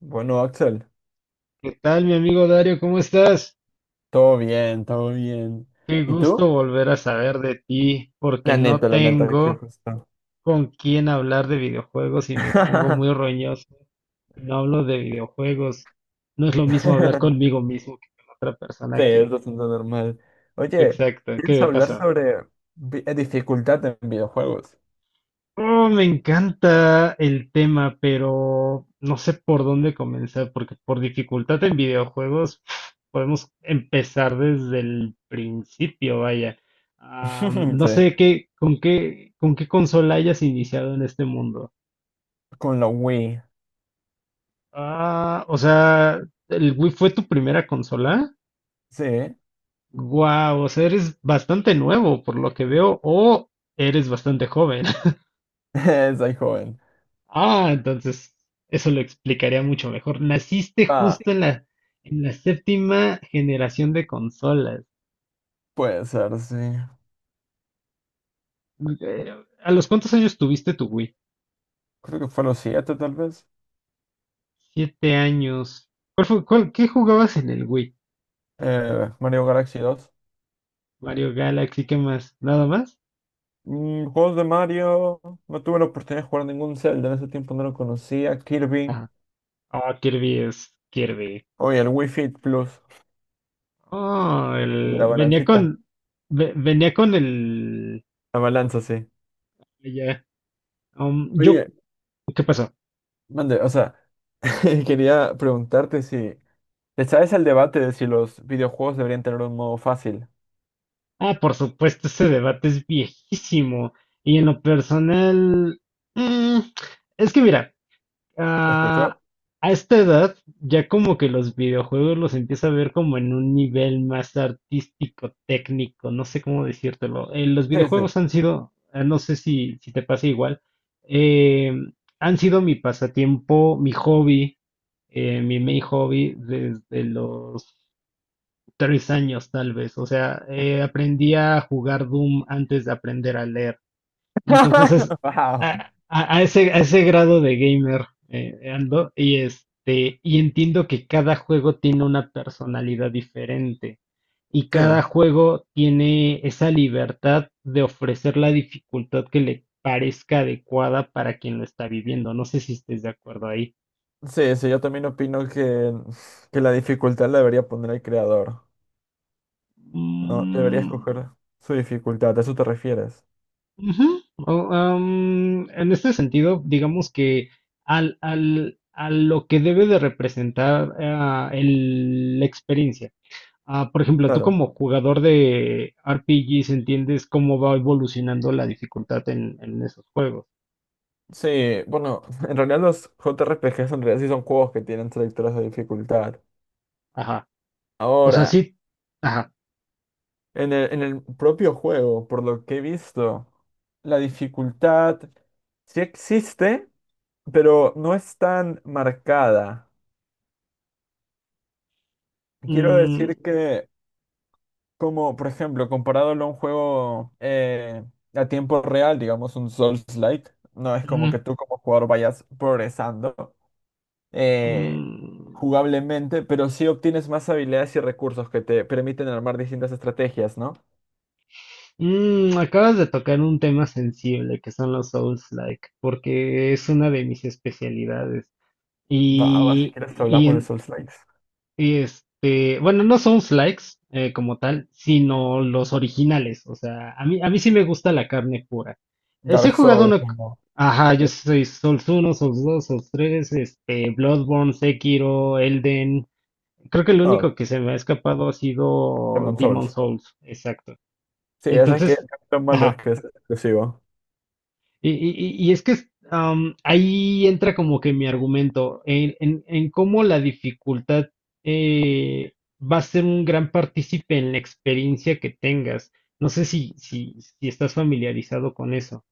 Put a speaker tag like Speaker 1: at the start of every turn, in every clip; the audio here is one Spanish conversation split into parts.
Speaker 1: Bueno, Axel,
Speaker 2: ¿Qué tal, mi amigo Dario? ¿Cómo estás?
Speaker 1: todo bien, todo bien.
Speaker 2: Qué
Speaker 1: ¿Y tú?
Speaker 2: gusto volver a saber de ti, porque no
Speaker 1: La neta, qué
Speaker 2: tengo
Speaker 1: justo.
Speaker 2: con quién hablar de videojuegos y me pongo muy roñoso. Y no hablo de videojuegos. No es lo mismo hablar conmigo mismo que con otra
Speaker 1: Sí,
Speaker 2: persona
Speaker 1: es
Speaker 2: que…
Speaker 1: bastante normal. Oye,
Speaker 2: Exacto, ¿qué
Speaker 1: ¿quieres
Speaker 2: me
Speaker 1: hablar
Speaker 2: pasa?
Speaker 1: sobre dificultad en videojuegos?
Speaker 2: Oh, me encanta el tema, pero no sé por dónde comenzar, porque por dificultad en videojuegos pf, podemos empezar desde el principio, vaya. No
Speaker 1: Sí,
Speaker 2: sé qué, con qué consola hayas iniciado en este mundo.
Speaker 1: con la Wii.
Speaker 2: O sea, ¿el Wii fue tu primera consola?
Speaker 1: Sí,
Speaker 2: Guau, o sea, eres bastante nuevo por lo que veo, o eres bastante joven.
Speaker 1: soy joven.
Speaker 2: Entonces eso lo explicaría mucho mejor. Naciste
Speaker 1: Ah,
Speaker 2: justo en en la séptima generación de consolas.
Speaker 1: puede ser, sí.
Speaker 2: Eh, ¿A los cuántos años tuviste tu Wii?
Speaker 1: Creo que fue los siete tal vez.
Speaker 2: Siete años. ¿Qué jugabas en el Wii?
Speaker 1: Mario Galaxy dos,
Speaker 2: Mario Galaxy, ¿qué más? ¿Nada más?
Speaker 1: Juegos de Mario. No tuve la oportunidad de jugar ningún Zelda. En ese tiempo no lo conocía. Kirby.
Speaker 2: Ah, Kirby es Kirby.
Speaker 1: Oye, el Wii Fit Plus.
Speaker 2: Oh,
Speaker 1: De la
Speaker 2: venía
Speaker 1: balancita.
Speaker 2: con, venía con el,
Speaker 1: La balanza, sí.
Speaker 2: ya, yo,
Speaker 1: Oye,
Speaker 2: ¿qué pasó?
Speaker 1: mande, o sea, quería preguntarte si le sabes el debate de si los videojuegos deberían tener un modo fácil.
Speaker 2: Por supuesto, ese debate es viejísimo. Y en lo personal, mm, es que mira,
Speaker 1: ¿Te
Speaker 2: ah,
Speaker 1: escuchó?
Speaker 2: a esta edad ya como que los videojuegos los empieza a ver como en un nivel más artístico, técnico, no sé cómo decírtelo. Los
Speaker 1: Sí, sí.
Speaker 2: videojuegos han sido, no sé si te pasa igual, eh, han sido mi pasatiempo, mi hobby, mi main hobby desde los tres años tal vez. O sea, aprendí a jugar Doom antes de aprender a leer. Entonces es
Speaker 1: Wow.
Speaker 2: a ese grado de gamer ando y este, y entiendo que cada juego tiene una personalidad diferente y cada
Speaker 1: Sí,
Speaker 2: juego tiene esa libertad de ofrecer la dificultad que le parezca adecuada para quien lo está viviendo. No sé si estés de acuerdo ahí.
Speaker 1: sí, sí, yo también opino que la dificultad la debería poner el creador, ¿no? Debería
Speaker 2: Mm,
Speaker 1: escoger su dificultad, ¿a eso te refieres?
Speaker 2: ujú. O, en este sentido, digamos que a lo que debe de representar el- la experiencia. Por ejemplo, tú
Speaker 1: Claro.
Speaker 2: como jugador de RPGs entiendes cómo va evolucionando la dificultad en esos juegos.
Speaker 1: Sí, bueno, en realidad los JRPGs en realidad sí son juegos que tienen selectores de dificultad.
Speaker 2: Ajá. O sea,
Speaker 1: Ahora,
Speaker 2: sí. Ajá.
Speaker 1: en el propio juego, por lo que he visto, la dificultad sí existe, pero no es tan marcada. Quiero
Speaker 2: Mm,
Speaker 1: decir que, como por ejemplo, comparándolo a un juego a tiempo real, digamos un Souls-like, no es como
Speaker 2: mm,
Speaker 1: que tú como jugador vayas progresando eh,
Speaker 2: mm.
Speaker 1: jugablemente, pero sí obtienes más habilidades y recursos que te permiten armar distintas estrategias, ¿no?
Speaker 2: Mm, acabas de tocar un tema sensible que son los Souls-like, porque es una de mis especialidades.
Speaker 1: Va, va, si
Speaker 2: Y,
Speaker 1: quieres
Speaker 2: y,
Speaker 1: hablamos de
Speaker 2: en-
Speaker 1: Souls-likes.
Speaker 2: y este, bueno, no son likes como tal, sino los originales. O sea, a mí sí me gusta la carne pura. Sí he
Speaker 1: Dark
Speaker 2: jugado
Speaker 1: Souls,
Speaker 2: uno.
Speaker 1: como.
Speaker 2: Ajá, yo soy Souls uno Souls 2 Souls 3 este, Bloodborne, Sekiro, Elden. Creo que el único
Speaker 1: No,
Speaker 2: que se me ha escapado ha sido
Speaker 1: Demon
Speaker 2: Demon
Speaker 1: Souls.
Speaker 2: Souls, exacto.
Speaker 1: Sí, esa es que
Speaker 2: Entonces,
Speaker 1: lo malo es
Speaker 2: ajá.
Speaker 1: que es exclusivo.
Speaker 2: Y es que ahí entra como que mi argumento en cómo la dificultad eh, va a ser un gran partícipe en la experiencia que tengas. No sé si estás familiarizado con eso.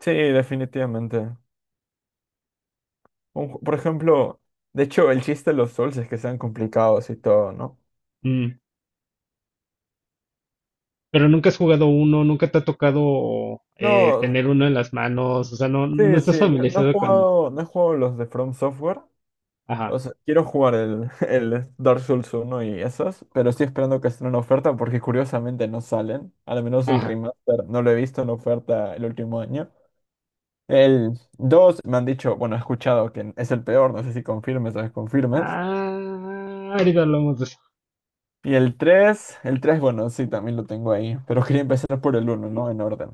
Speaker 1: Sí, definitivamente. Por ejemplo, de hecho, el chiste de los Souls es que sean complicados y todo, ¿no?
Speaker 2: Mm, pero nunca has jugado uno, nunca te ha tocado tener
Speaker 1: No,
Speaker 2: uno en las manos, o sea, no, no
Speaker 1: sí, sí,
Speaker 2: estás
Speaker 1: no,
Speaker 2: familiarizado con…
Speaker 1: no he jugado los de From Software.
Speaker 2: Ajá,
Speaker 1: O sea, quiero jugar el, el Dark Souls uno y esos, pero estoy esperando que estén en oferta porque curiosamente no salen. Al menos el
Speaker 2: ajá.
Speaker 1: remaster no lo he visto en oferta el último año. El 2 me han dicho, bueno, he escuchado que es el peor, no sé si confirmes o desconfirmes.
Speaker 2: Ahorita hablamos de eso.
Speaker 1: Y el 3 bueno, sí, también lo tengo ahí, pero quería empezar por el uno, ¿no? En orden.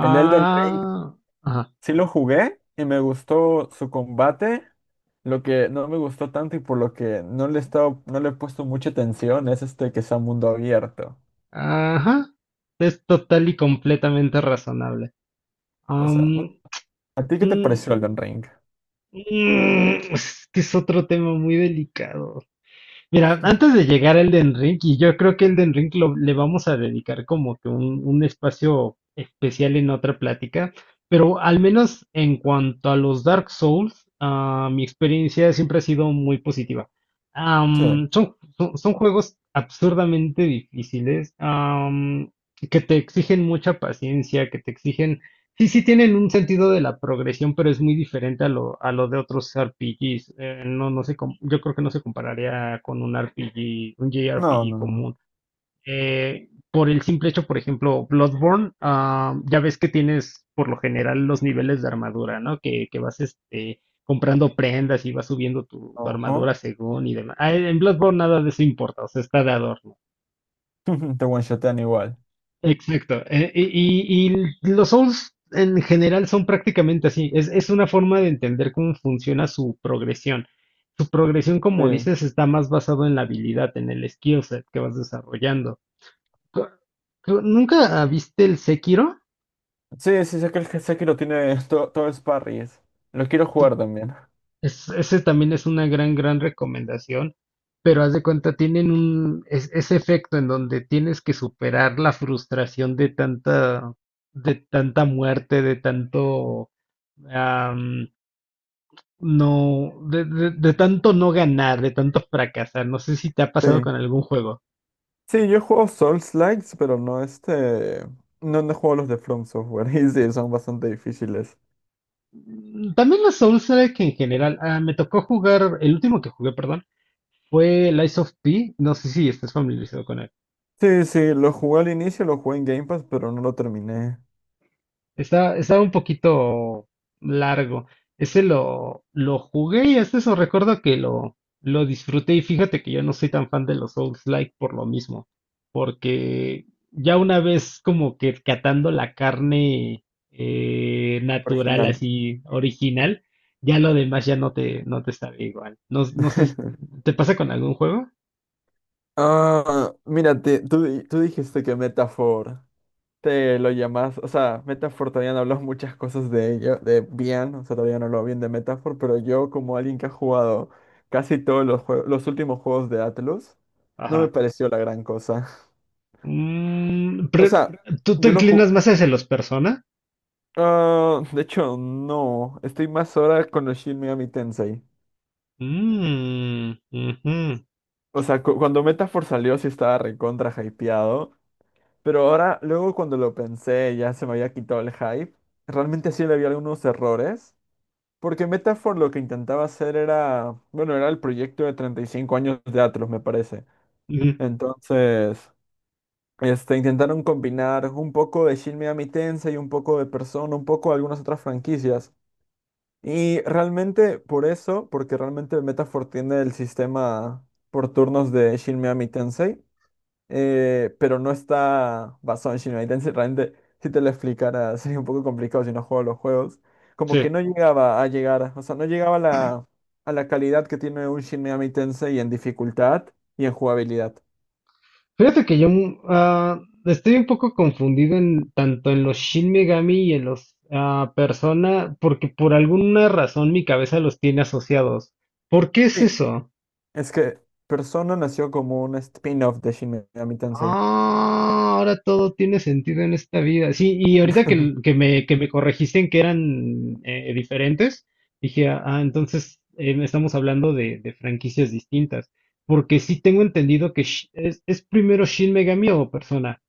Speaker 1: El Elden Ring
Speaker 2: ajá.
Speaker 1: sí lo jugué y me gustó su combate. Lo que no me gustó tanto y por lo que no le he puesto mucha atención es este que sea mundo abierto.
Speaker 2: Ajá, es total y completamente razonable.
Speaker 1: O sea,
Speaker 2: Am,
Speaker 1: ¿A ti qué te
Speaker 2: mm,
Speaker 1: pareció Elden Ring?
Speaker 2: mm, es que es otro tema muy delicado. Mira, antes de llegar al Elden Ring, y yo creo que Elden Ring le vamos a dedicar como que un espacio especial en otra plática, pero al menos en cuanto a los Dark Souls, mi experiencia siempre ha sido muy positiva.
Speaker 1: Sí.
Speaker 2: Am, son, son, son juegos absurdamente difíciles, am, que te exigen mucha paciencia, que te exigen sí, sí tienen un sentido de la progresión, pero es muy diferente a a lo de otros RPGs. No, yo creo que no se compararía con un RPG, un
Speaker 1: No,
Speaker 2: JRPG
Speaker 1: no, no.
Speaker 2: común. Por el simple hecho, por ejemplo, Bloodborne, ya ves que tienes por lo general los niveles de armadura, ¿no? Que vas este, comprando prendas y vas subiendo tu, tu
Speaker 1: Ajá.
Speaker 2: armadura según y demás. En Bloodborne nada de eso importa, o sea, está de adorno.
Speaker 1: Te one-shotean igual.
Speaker 2: Exacto. Y los Souls en general son prácticamente así. Es una forma de entender cómo funciona su progresión. Su progresión,
Speaker 1: Sí.
Speaker 2: como dices, está más basado en la habilidad, en el skill set que vas desarrollando. Co- ¿Nunca viste el Sekiro?
Speaker 1: Sí, sí, sé que lo tiene todo, todo es parries. Lo quiero jugar también.
Speaker 2: Ese también es una gran, gran recomendación. Pero haz de cuenta, tienen un, ese efecto en donde tienes que superar la frustración de tanta muerte, de tanto. No, de tanto no ganar, de tanto fracasar. No sé si te ha pasado
Speaker 1: Sí.
Speaker 2: con algún juego.
Speaker 1: Sí, yo juego Souls-likes, pero no este. No, no juego los de From Software. Y sí, son bastante difíciles.
Speaker 2: Mm, también los Souls-like en general. Me tocó jugar, el último que jugué, perdón, fue Lies of P. No sé si estás familiarizado con él.
Speaker 1: Sí, sí, lo jugué al inicio, lo jugué en Game Pass, pero no lo terminé
Speaker 2: Está, está un poquito largo. Ese lo jugué y hasta eso recuerdo que lo disfruté. Y fíjate que yo no soy tan fan de los Souls-like por lo mismo. Porque ya una vez como que catando la carne natural,
Speaker 1: original.
Speaker 2: así original, ya lo demás ya no te, no te sabe igual. No, no sé, si… ¿te pasa con algún juego?
Speaker 1: Ah, mira, tú dijiste que Metaphor. Te lo llamas, o sea, Metaphor todavía no habló muchas cosas de ello, de bien, o sea, todavía no habló bien de Metaphor, pero yo como alguien que ha jugado casi todos los juegos, los últimos juegos de Atlus, no me
Speaker 2: Ajá.
Speaker 1: pareció la gran cosa.
Speaker 2: Mm,
Speaker 1: O
Speaker 2: pre-
Speaker 1: sea,
Speaker 2: ¿tú te
Speaker 1: yo lo jugué,
Speaker 2: inclinas más hacia los Persona?
Speaker 1: ah, de hecho, no, estoy más ahora con los Shin Megami Tensei.
Speaker 2: Mm, ujú.
Speaker 1: O sea, cuando Metaphor salió sí estaba recontra hypeado, pero ahora, luego cuando lo pensé, ya se me había quitado el hype, realmente sí le había algunos errores. Porque Metaphor lo que intentaba hacer era, bueno, era el proyecto de 35 años de Atlus, me parece.
Speaker 2: Ujú,
Speaker 1: Entonces, este, intentaron combinar un poco de Shin Megami Tensei y un poco de Persona, un poco de algunas otras franquicias. Y realmente por eso, porque realmente Metaphor tiene el sistema por turnos de Shin Megami Tensei, pero no está basado en Shin Megami Tensei. Realmente, si te lo explicara, sería un poco complicado si no juego los juegos. Como que
Speaker 2: sí.
Speaker 1: no llegaba a llegar, o sea, no llegaba a la calidad que tiene un Shin Megami Tensei en dificultad y en jugabilidad.
Speaker 2: Fíjate que yo mm, estoy un poco confundido en tanto en los Shin Megami y en los Persona, porque por alguna razón mi cabeza los tiene asociados. ¿Por qué es
Speaker 1: Sí,
Speaker 2: eso?
Speaker 1: es que Persona nació como un spin-off de Shin Megami Tensei.
Speaker 2: Ah, ahora todo tiene sentido en esta vida. Sí, y ahorita que, que me corregiste en que eran diferentes, dije, ah, entonces estamos hablando de franquicias distintas. Porque sí tengo entendido que es primero Shin Megami o Persona.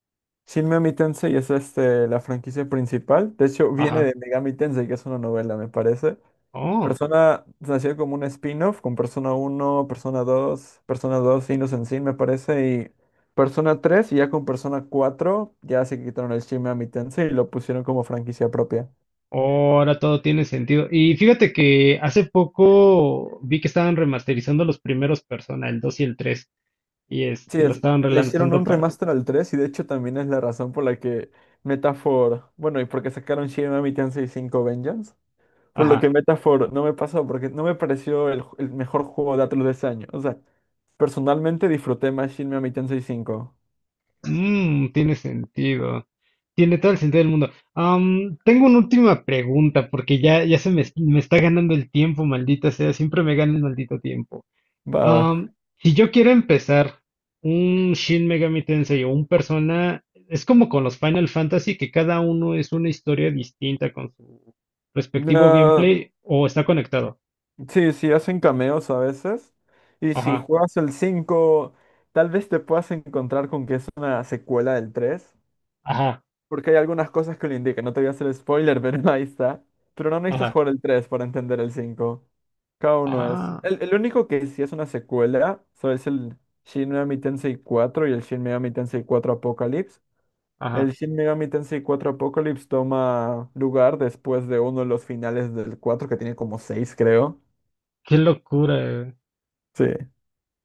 Speaker 1: Shin Megami Tensei es este, la franquicia principal. De hecho, viene
Speaker 2: Ajá.
Speaker 1: de Megami Tensei, que es una novela, me parece.
Speaker 2: Oh,
Speaker 1: Persona nació como un spin-off con Persona uno, Persona 2, Persona 2, Innocent Sin, me parece, y Persona 3 y ya con Persona 4 ya se quitaron el Shin Megami Tensei y lo pusieron como franquicia propia.
Speaker 2: ahora todo tiene sentido. Y fíjate que hace poco vi que estaban remasterizando los primeros Persona, el 2 y el 3, y
Speaker 1: Sí,
Speaker 2: este, lo estaban
Speaker 1: le hicieron
Speaker 2: relanzando
Speaker 1: un
Speaker 2: para…
Speaker 1: remaster al 3 y de hecho también es la razón por la que Metaphor, bueno, y porque sacaron Shin Megami Tensei 5 Vengeance, por lo
Speaker 2: Ajá.
Speaker 1: que Metaphor no me pasó, porque no me pareció el mejor juego de Atlus de ese año. O sea, personalmente disfruté más Shin Megami Tensei 5.
Speaker 2: Mmm, tiene sentido. Tiene todo el sentido del mundo. Am, tengo una última pregunta, porque ya, ya se me, me está ganando el tiempo, maldita sea. Siempre me gana el maldito tiempo.
Speaker 1: Va, va.
Speaker 2: Am, si yo quiero empezar un Shin Megami Tensei o un Persona, es como con los Final Fantasy, que cada uno es una historia distinta con su respectivo
Speaker 1: No.
Speaker 2: gameplay o está conectado.
Speaker 1: Sí, sí, hacen cameos a veces. Y si
Speaker 2: Ajá,
Speaker 1: juegas el 5, tal vez te puedas encontrar con que es una secuela del 3,
Speaker 2: ajá,
Speaker 1: porque hay algunas cosas que lo indican. No te voy a hacer spoiler, pero ahí está. Pero no necesitas
Speaker 2: ajá,
Speaker 1: jugar el 3 para entender el 5. Cada uno es.
Speaker 2: ah,
Speaker 1: El único que sí es una secuela, so, es el Shin Megami Tensei 4 y el Shin Megami Tensei 4 Apocalypse. El
Speaker 2: ajá.
Speaker 1: Shin Megami Tensei 4 Apocalypse toma lugar después de uno de los finales del 4 que tiene como 6, creo.
Speaker 2: Qué locura. Eh.
Speaker 1: Sí.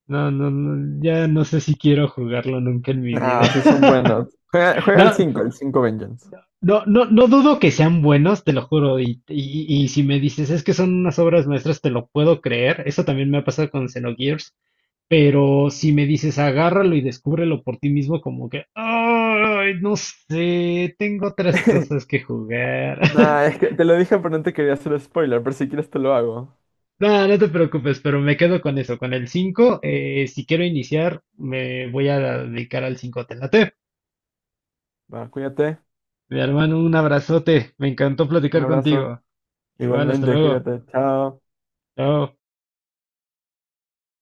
Speaker 2: No, no, no, ya no sé si quiero jugarlo nunca en mi vida.
Speaker 1: Ah, sí son buenos. Juega, juega
Speaker 2: No,
Speaker 1: el 5 Vengeance.
Speaker 2: no, no, no dudo que sean buenos, te lo juro. Y si me dices, es que son unas obras maestras, te lo puedo creer. Eso también me ha pasado con Xenogears. Pero si me dices, agárralo y descúbrelo por ti mismo, como que, ay, no sé, tengo otras cosas que jugar.
Speaker 1: Nah, es que te lo dije, pero no te quería hacer spoiler, pero si quieres te lo hago.
Speaker 2: No, no te preocupes, pero me quedo con eso, con el 5. Si quiero iniciar, me voy a dedicar al 5. Te late.
Speaker 1: Va, cuídate.
Speaker 2: Mi hermano, un abrazote. Me encantó
Speaker 1: Un
Speaker 2: platicar
Speaker 1: abrazo.
Speaker 2: contigo. Igual, hasta
Speaker 1: Igualmente,
Speaker 2: luego.
Speaker 1: cuídate. Chao.
Speaker 2: Chao.